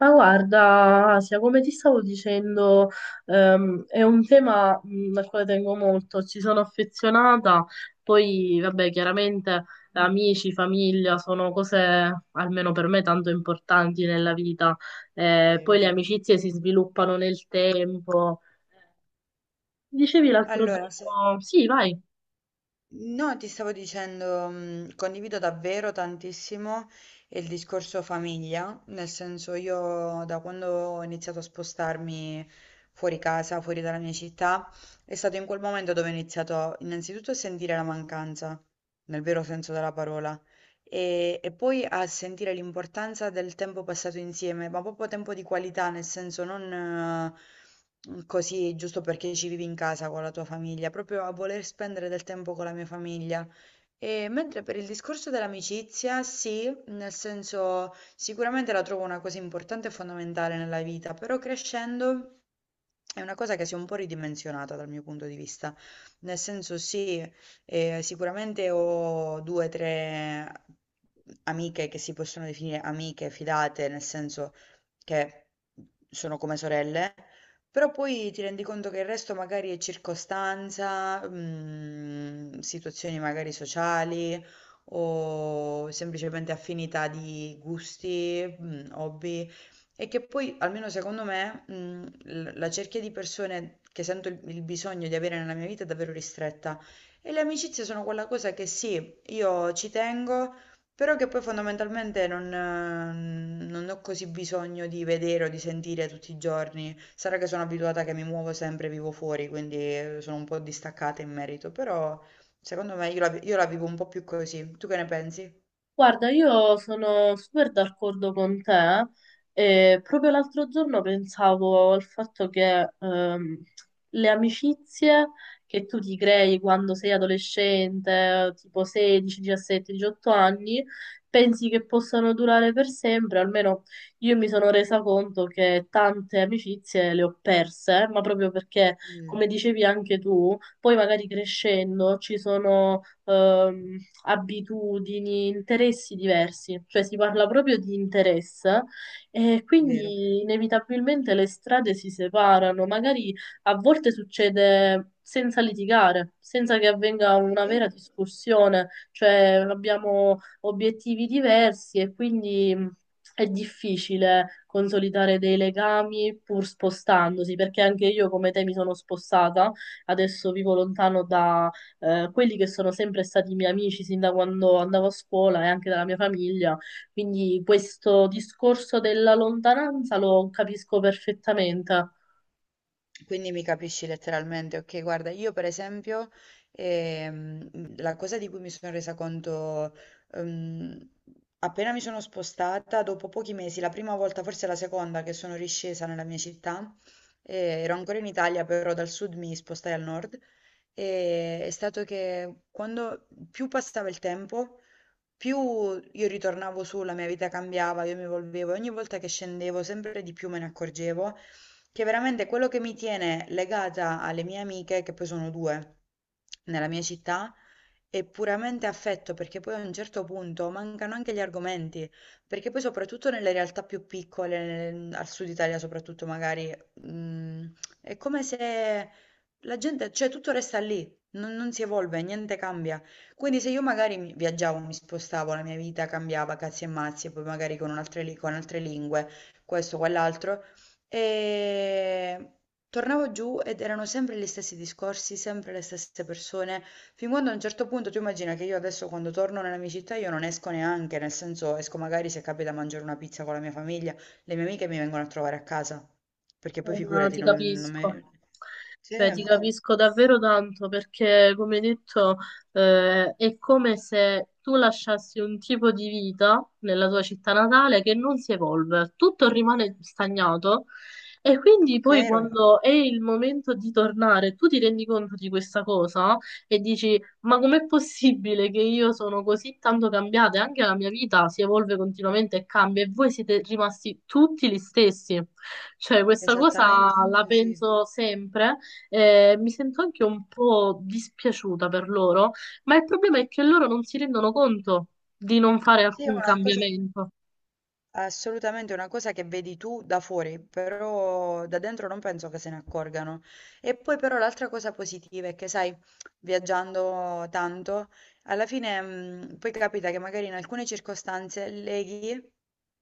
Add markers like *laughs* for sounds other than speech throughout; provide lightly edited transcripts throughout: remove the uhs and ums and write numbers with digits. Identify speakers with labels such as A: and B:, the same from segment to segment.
A: Ma guarda, Asia, come ti stavo dicendo, è un tema al quale tengo molto, ci sono affezionata. Poi vabbè, chiaramente amici, famiglia sono cose, almeno per me, tanto importanti nella vita. Poi
B: Vero.
A: le amicizie si sviluppano nel tempo. Dicevi l'altro
B: Allora,
A: giorno, sì, vai.
B: no, ti stavo dicendo, condivido davvero tantissimo il discorso famiglia, nel senso io da quando ho iniziato a spostarmi fuori casa, fuori dalla mia città, è stato in quel momento dove ho iniziato innanzitutto a sentire la mancanza, nel vero senso della parola. E poi a sentire l'importanza del tempo passato insieme, ma proprio tempo di qualità, nel senso non così giusto perché ci vivi in casa con la tua famiglia, proprio a voler spendere del tempo con la mia famiglia. E mentre per il discorso dell'amicizia, sì, nel senso sicuramente la trovo una cosa importante e fondamentale nella vita, però crescendo... È una cosa che si è un po' ridimensionata dal mio punto di vista, nel senso sì, sicuramente ho due o tre amiche che si possono definire amiche fidate, nel senso che sono come sorelle, però poi ti rendi conto che il resto magari è circostanza, situazioni magari sociali o semplicemente affinità di gusti, hobby. E che poi, almeno secondo me, la cerchia di persone che sento il bisogno di avere nella mia vita è davvero ristretta. E le amicizie sono quella cosa che sì, io ci tengo, però che poi fondamentalmente non ho così bisogno di vedere o di sentire tutti i giorni. Sarà che sono abituata che mi muovo sempre, vivo fuori, quindi sono un po' distaccata in merito, però secondo me io la vivo un po' più così. Tu che ne pensi?
A: Guarda, io sono super d'accordo con te e proprio l'altro giorno pensavo al fatto che le amicizie che tu ti crei quando sei adolescente, tipo 16, 17, 18 anni, pensi che possano durare per sempre. Almeno io mi sono resa conto che tante amicizie le ho perse, ma proprio perché, come
B: Mm,
A: dicevi anche tu, poi magari crescendo ci sono abitudini, interessi diversi, cioè si parla proprio di interesse, e
B: vero.
A: quindi inevitabilmente le strade si separano. Magari a volte succede senza litigare, senza che avvenga una vera
B: Sì.
A: discussione, cioè abbiamo obiettivi diversi e quindi è difficile consolidare dei legami pur spostandosi, perché anche io come te mi sono spostata, adesso vivo lontano da quelli che sono sempre stati miei amici sin da quando andavo a scuola e anche dalla mia famiglia. Quindi questo discorso della lontananza lo capisco perfettamente.
B: Quindi mi capisci letteralmente, ok? Guarda, io per esempio, la cosa di cui mi sono resa conto, ehm, appena mi sono spostata, dopo pochi mesi, la prima volta, forse la seconda che sono riscesa nella mia città, ero ancora in Italia, però dal sud mi spostai al nord, è stato che quando più passava il tempo, più io ritornavo su, la mia vita cambiava, io mi evolvevo, e ogni volta che scendevo sempre di più me ne accorgevo che veramente quello che mi tiene legata alle mie amiche, che poi sono due nella mia città, è puramente affetto, perché poi a un certo punto mancano anche gli argomenti, perché poi soprattutto nelle realtà più piccole, al sud Italia soprattutto magari, è come se la gente, cioè tutto resta lì. Non si evolve, niente cambia. Quindi se io magari viaggiavo, mi spostavo, la mia vita cambiava, cazzi e mazzi, e poi magari con altre lingue, questo, quell'altro, e tornavo giù ed erano sempre gli stessi discorsi, sempre le stesse persone, fin quando a un certo punto tu immagina che io adesso quando torno nella mia città io non esco neanche, nel senso esco magari se capita a mangiare una pizza con la mia famiglia, le mie amiche mi vengono a trovare a casa, perché poi
A: Ma
B: figurati,
A: ti
B: non
A: capisco,
B: me... Sì,
A: cioè ti capisco davvero tanto perché, come detto, è come se tu lasciassi un tipo di vita nella tua città natale che non si evolve, tutto rimane stagnato, e quindi poi
B: vero,
A: quando è il momento di tornare, tu ti rendi conto di questa cosa e dici, ma com'è possibile che io sono così tanto cambiata? E anche la mia vita si evolve continuamente e cambia, e voi siete rimasti tutti gli stessi. Cioè, questa cosa
B: esattamente
A: la
B: così.
A: penso sempre, e mi sento anche un po' dispiaciuta per loro, ma il problema è che loro non si rendono conto di non fare
B: Sì, è
A: alcun
B: una cosa...
A: cambiamento.
B: È assolutamente una cosa che vedi tu da fuori, però da dentro non penso che se ne accorgano. E poi però l'altra cosa positiva è che, sai, viaggiando tanto, alla fine poi capita che magari in alcune circostanze leghi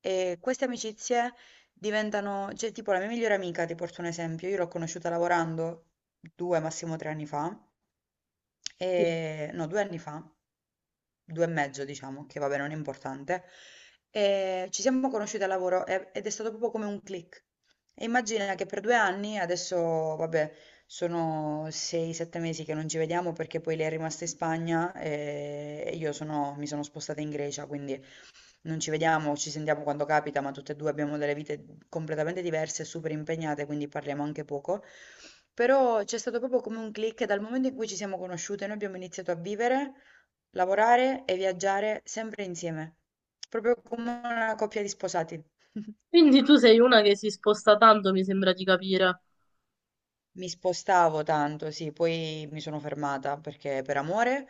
B: e queste amicizie diventano, cioè tipo la mia migliore amica, ti porto un esempio, io l'ho conosciuta lavorando 2, massimo 3 anni fa.
A: Sì.
B: No, 2 anni fa, 2 e mezzo diciamo, che vabbè non è importante, ci siamo conosciuti al lavoro ed è stato proprio come un click. E immagina che per 2 anni, adesso vabbè sono 6, 7 mesi che non ci vediamo perché poi lei è rimasta in Spagna, e io sono mi sono spostata in Grecia, quindi non ci vediamo, ci sentiamo quando capita, ma tutte e due abbiamo delle vite completamente diverse, super impegnate, quindi parliamo anche poco. Però c'è stato proprio come un click dal momento in cui ci siamo conosciute, noi abbiamo iniziato a vivere, lavorare e viaggiare sempre insieme, proprio come una coppia di sposati. *laughs*
A: Quindi tu sei una che si sposta tanto, mi sembra di capire.
B: Mi spostavo tanto, sì, poi mi sono fermata perché per amore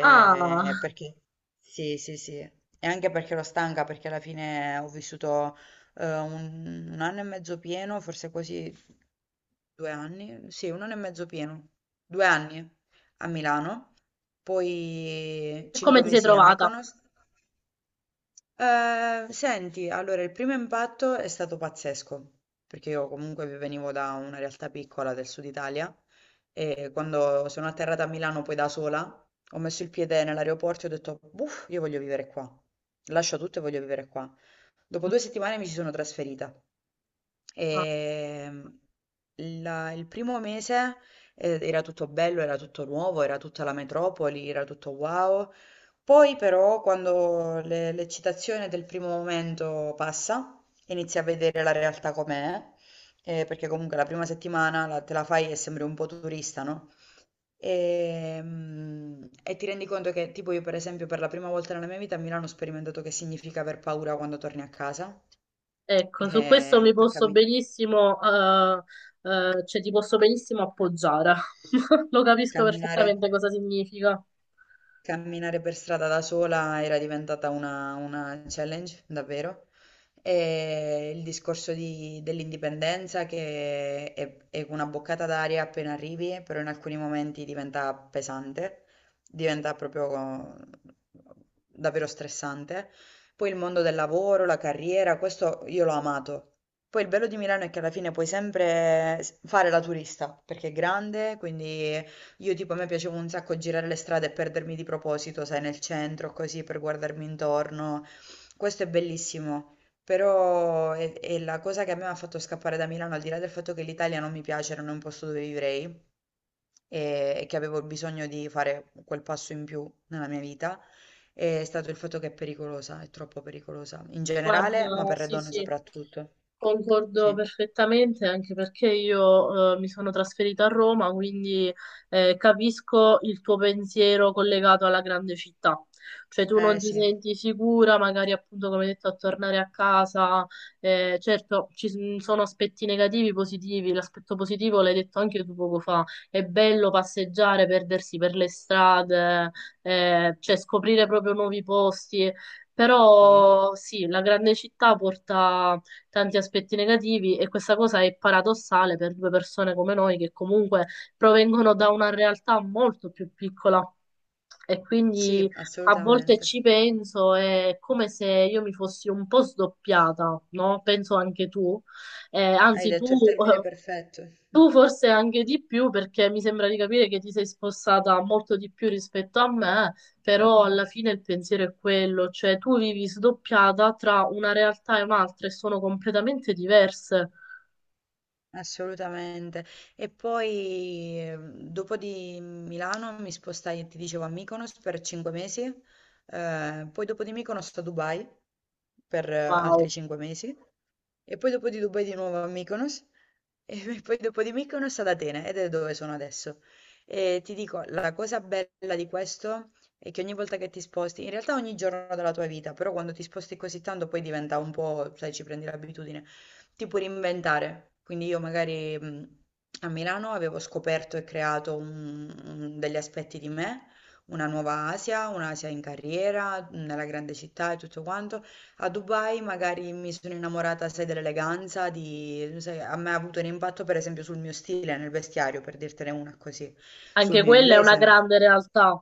A: Ah,
B: perché sì, sì, sì, e anche perché ero stanca, perché alla fine ho vissuto un anno e mezzo pieno, forse quasi 2 anni, sì, un anno e mezzo pieno, 2 anni a Milano, poi
A: e
B: 5
A: come ti sei
B: mesi a
A: trovata?
B: Mykonos. Senti, allora il primo impatto è stato pazzesco, perché io comunque venivo da una realtà piccola del sud Italia e quando sono atterrata a Milano poi da sola, ho messo il piede nell'aeroporto e ho detto, uff, io voglio vivere qua, lascio tutto e voglio vivere qua. Dopo 2 settimane mi ci sono trasferita.
A: Ah.
B: Ehm, il primo mese era tutto bello, era tutto nuovo, era tutta la metropoli, era tutto wow. Poi però quando l'eccitazione del primo momento passa, inizi a vedere la realtà com'è, perché comunque la prima settimana te la fai e sembri un po' turista, no? E ti rendi conto che, tipo, io, per esempio, per la prima volta nella mia vita a Milano ho sperimentato che significa aver paura quando torni a casa.
A: Ecco, su questo mi
B: Per
A: posso benissimo, cioè ti posso benissimo appoggiare. *laughs* Lo capisco
B: camminare.
A: perfettamente cosa significa.
B: Camminare per strada da sola era diventata una challenge, davvero. E il discorso dell'indipendenza che è una boccata d'aria appena arrivi, però in alcuni momenti diventa pesante, diventa proprio davvero stressante. Poi il mondo del lavoro, la carriera, questo io l'ho amato. Poi il bello di Milano è che alla fine puoi sempre fare la turista, perché è grande, quindi io tipo a me piaceva un sacco girare le strade e perdermi di proposito, sai, nel centro, così per guardarmi intorno. Questo è bellissimo, però è la cosa che a me mi ha fatto scappare da Milano, al di là del fatto che l'Italia non mi piace, non è un posto dove vivrei e che avevo bisogno di fare quel passo in più nella mia vita, è stato il fatto che è pericolosa, è troppo pericolosa, in generale, ma
A: Guarda,
B: per le
A: sì,
B: donne
A: sì,
B: soprattutto.
A: concordo
B: Sì,
A: perfettamente, anche perché io mi sono trasferita a Roma, quindi capisco il tuo pensiero collegato alla grande città. Cioè tu non
B: eh
A: ti
B: sì,
A: senti sicura, magari appunto come detto a tornare a casa. Certo, sono aspetti negativi, positivi. L'aspetto positivo l'hai detto anche tu poco fa. È bello passeggiare, perdersi per le strade, cioè scoprire proprio nuovi posti.
B: sì,
A: Però sì, la grande città porta tanti aspetti negativi, e questa cosa è paradossale per due persone come noi che comunque provengono da una realtà molto più piccola, e quindi
B: sì,
A: a volte
B: assolutamente.
A: ci penso, è come se io mi fossi un po' sdoppiata, no? Penso anche tu. Eh,
B: Hai
A: anzi tu
B: detto il termine
A: eh,
B: perfetto.
A: tu forse anche di più, perché mi sembra di capire che ti sei spostata molto di più rispetto a me, però alla fine il pensiero è quello, cioè tu vivi sdoppiata tra una realtà e un'altra e sono completamente diverse.
B: Assolutamente. E poi dopo di Milano mi spostai, ti dicevo, a Mykonos per 5 mesi, poi dopo di Mykonos a Dubai per altri
A: Wow,
B: 5 mesi, e poi dopo di Dubai di nuovo a Mykonos, e *laughs* poi dopo di Mykonos ad Atene, ed è dove sono adesso. E ti dico, la cosa bella di questo è che ogni volta che ti sposti, in realtà ogni giorno della tua vita, però quando ti sposti così tanto poi diventa un po', sai, ci prendi l'abitudine ti puoi reinventare. Quindi io magari a Milano avevo scoperto e creato degli aspetti di me, una nuova Asia, un'Asia in carriera, nella grande città e tutto quanto. A Dubai magari mi sono innamorata, sai, dell'eleganza, di... sai, a me ha avuto un impatto per esempio sul mio stile, nel vestiario, per dirtene una così, sul
A: anche
B: mio
A: quella è una
B: inglese.
A: grande realtà.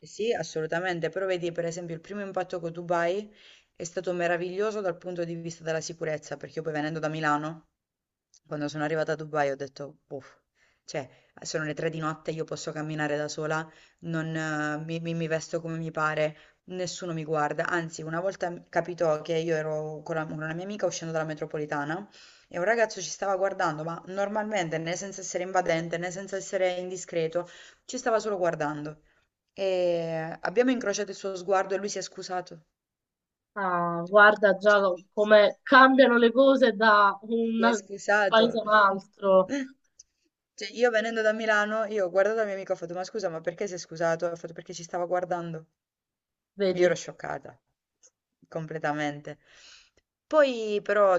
B: Eh sì, assolutamente, però vedi per esempio il primo impatto con Dubai è stato meraviglioso dal punto di vista della sicurezza, perché io poi venendo da Milano, quando sono arrivata a Dubai ho detto, uff, cioè sono le 3 di notte, io posso camminare da sola, non, mi, mi- mi vesto come mi pare, nessuno mi guarda, anzi una volta capitò che io ero con una mia amica uscendo dalla metropolitana e un ragazzo ci stava guardando, ma normalmente né senza essere invadente né senza essere indiscreto, ci stava solo guardando. E abbiamo incrociato il suo sguardo e lui si è scusato.
A: Ah, guarda già
B: Cioè, si
A: come cambiano le cose da
B: si è
A: un paese
B: scusato.
A: a un altro,
B: *laughs* Cioè, io venendo da Milano, io ho guardato la mia amica e ho fatto, ma scusa, ma perché si è scusato? Ha fatto perché ci stava guardando. Io
A: vedi.
B: ero scioccata, completamente. Poi però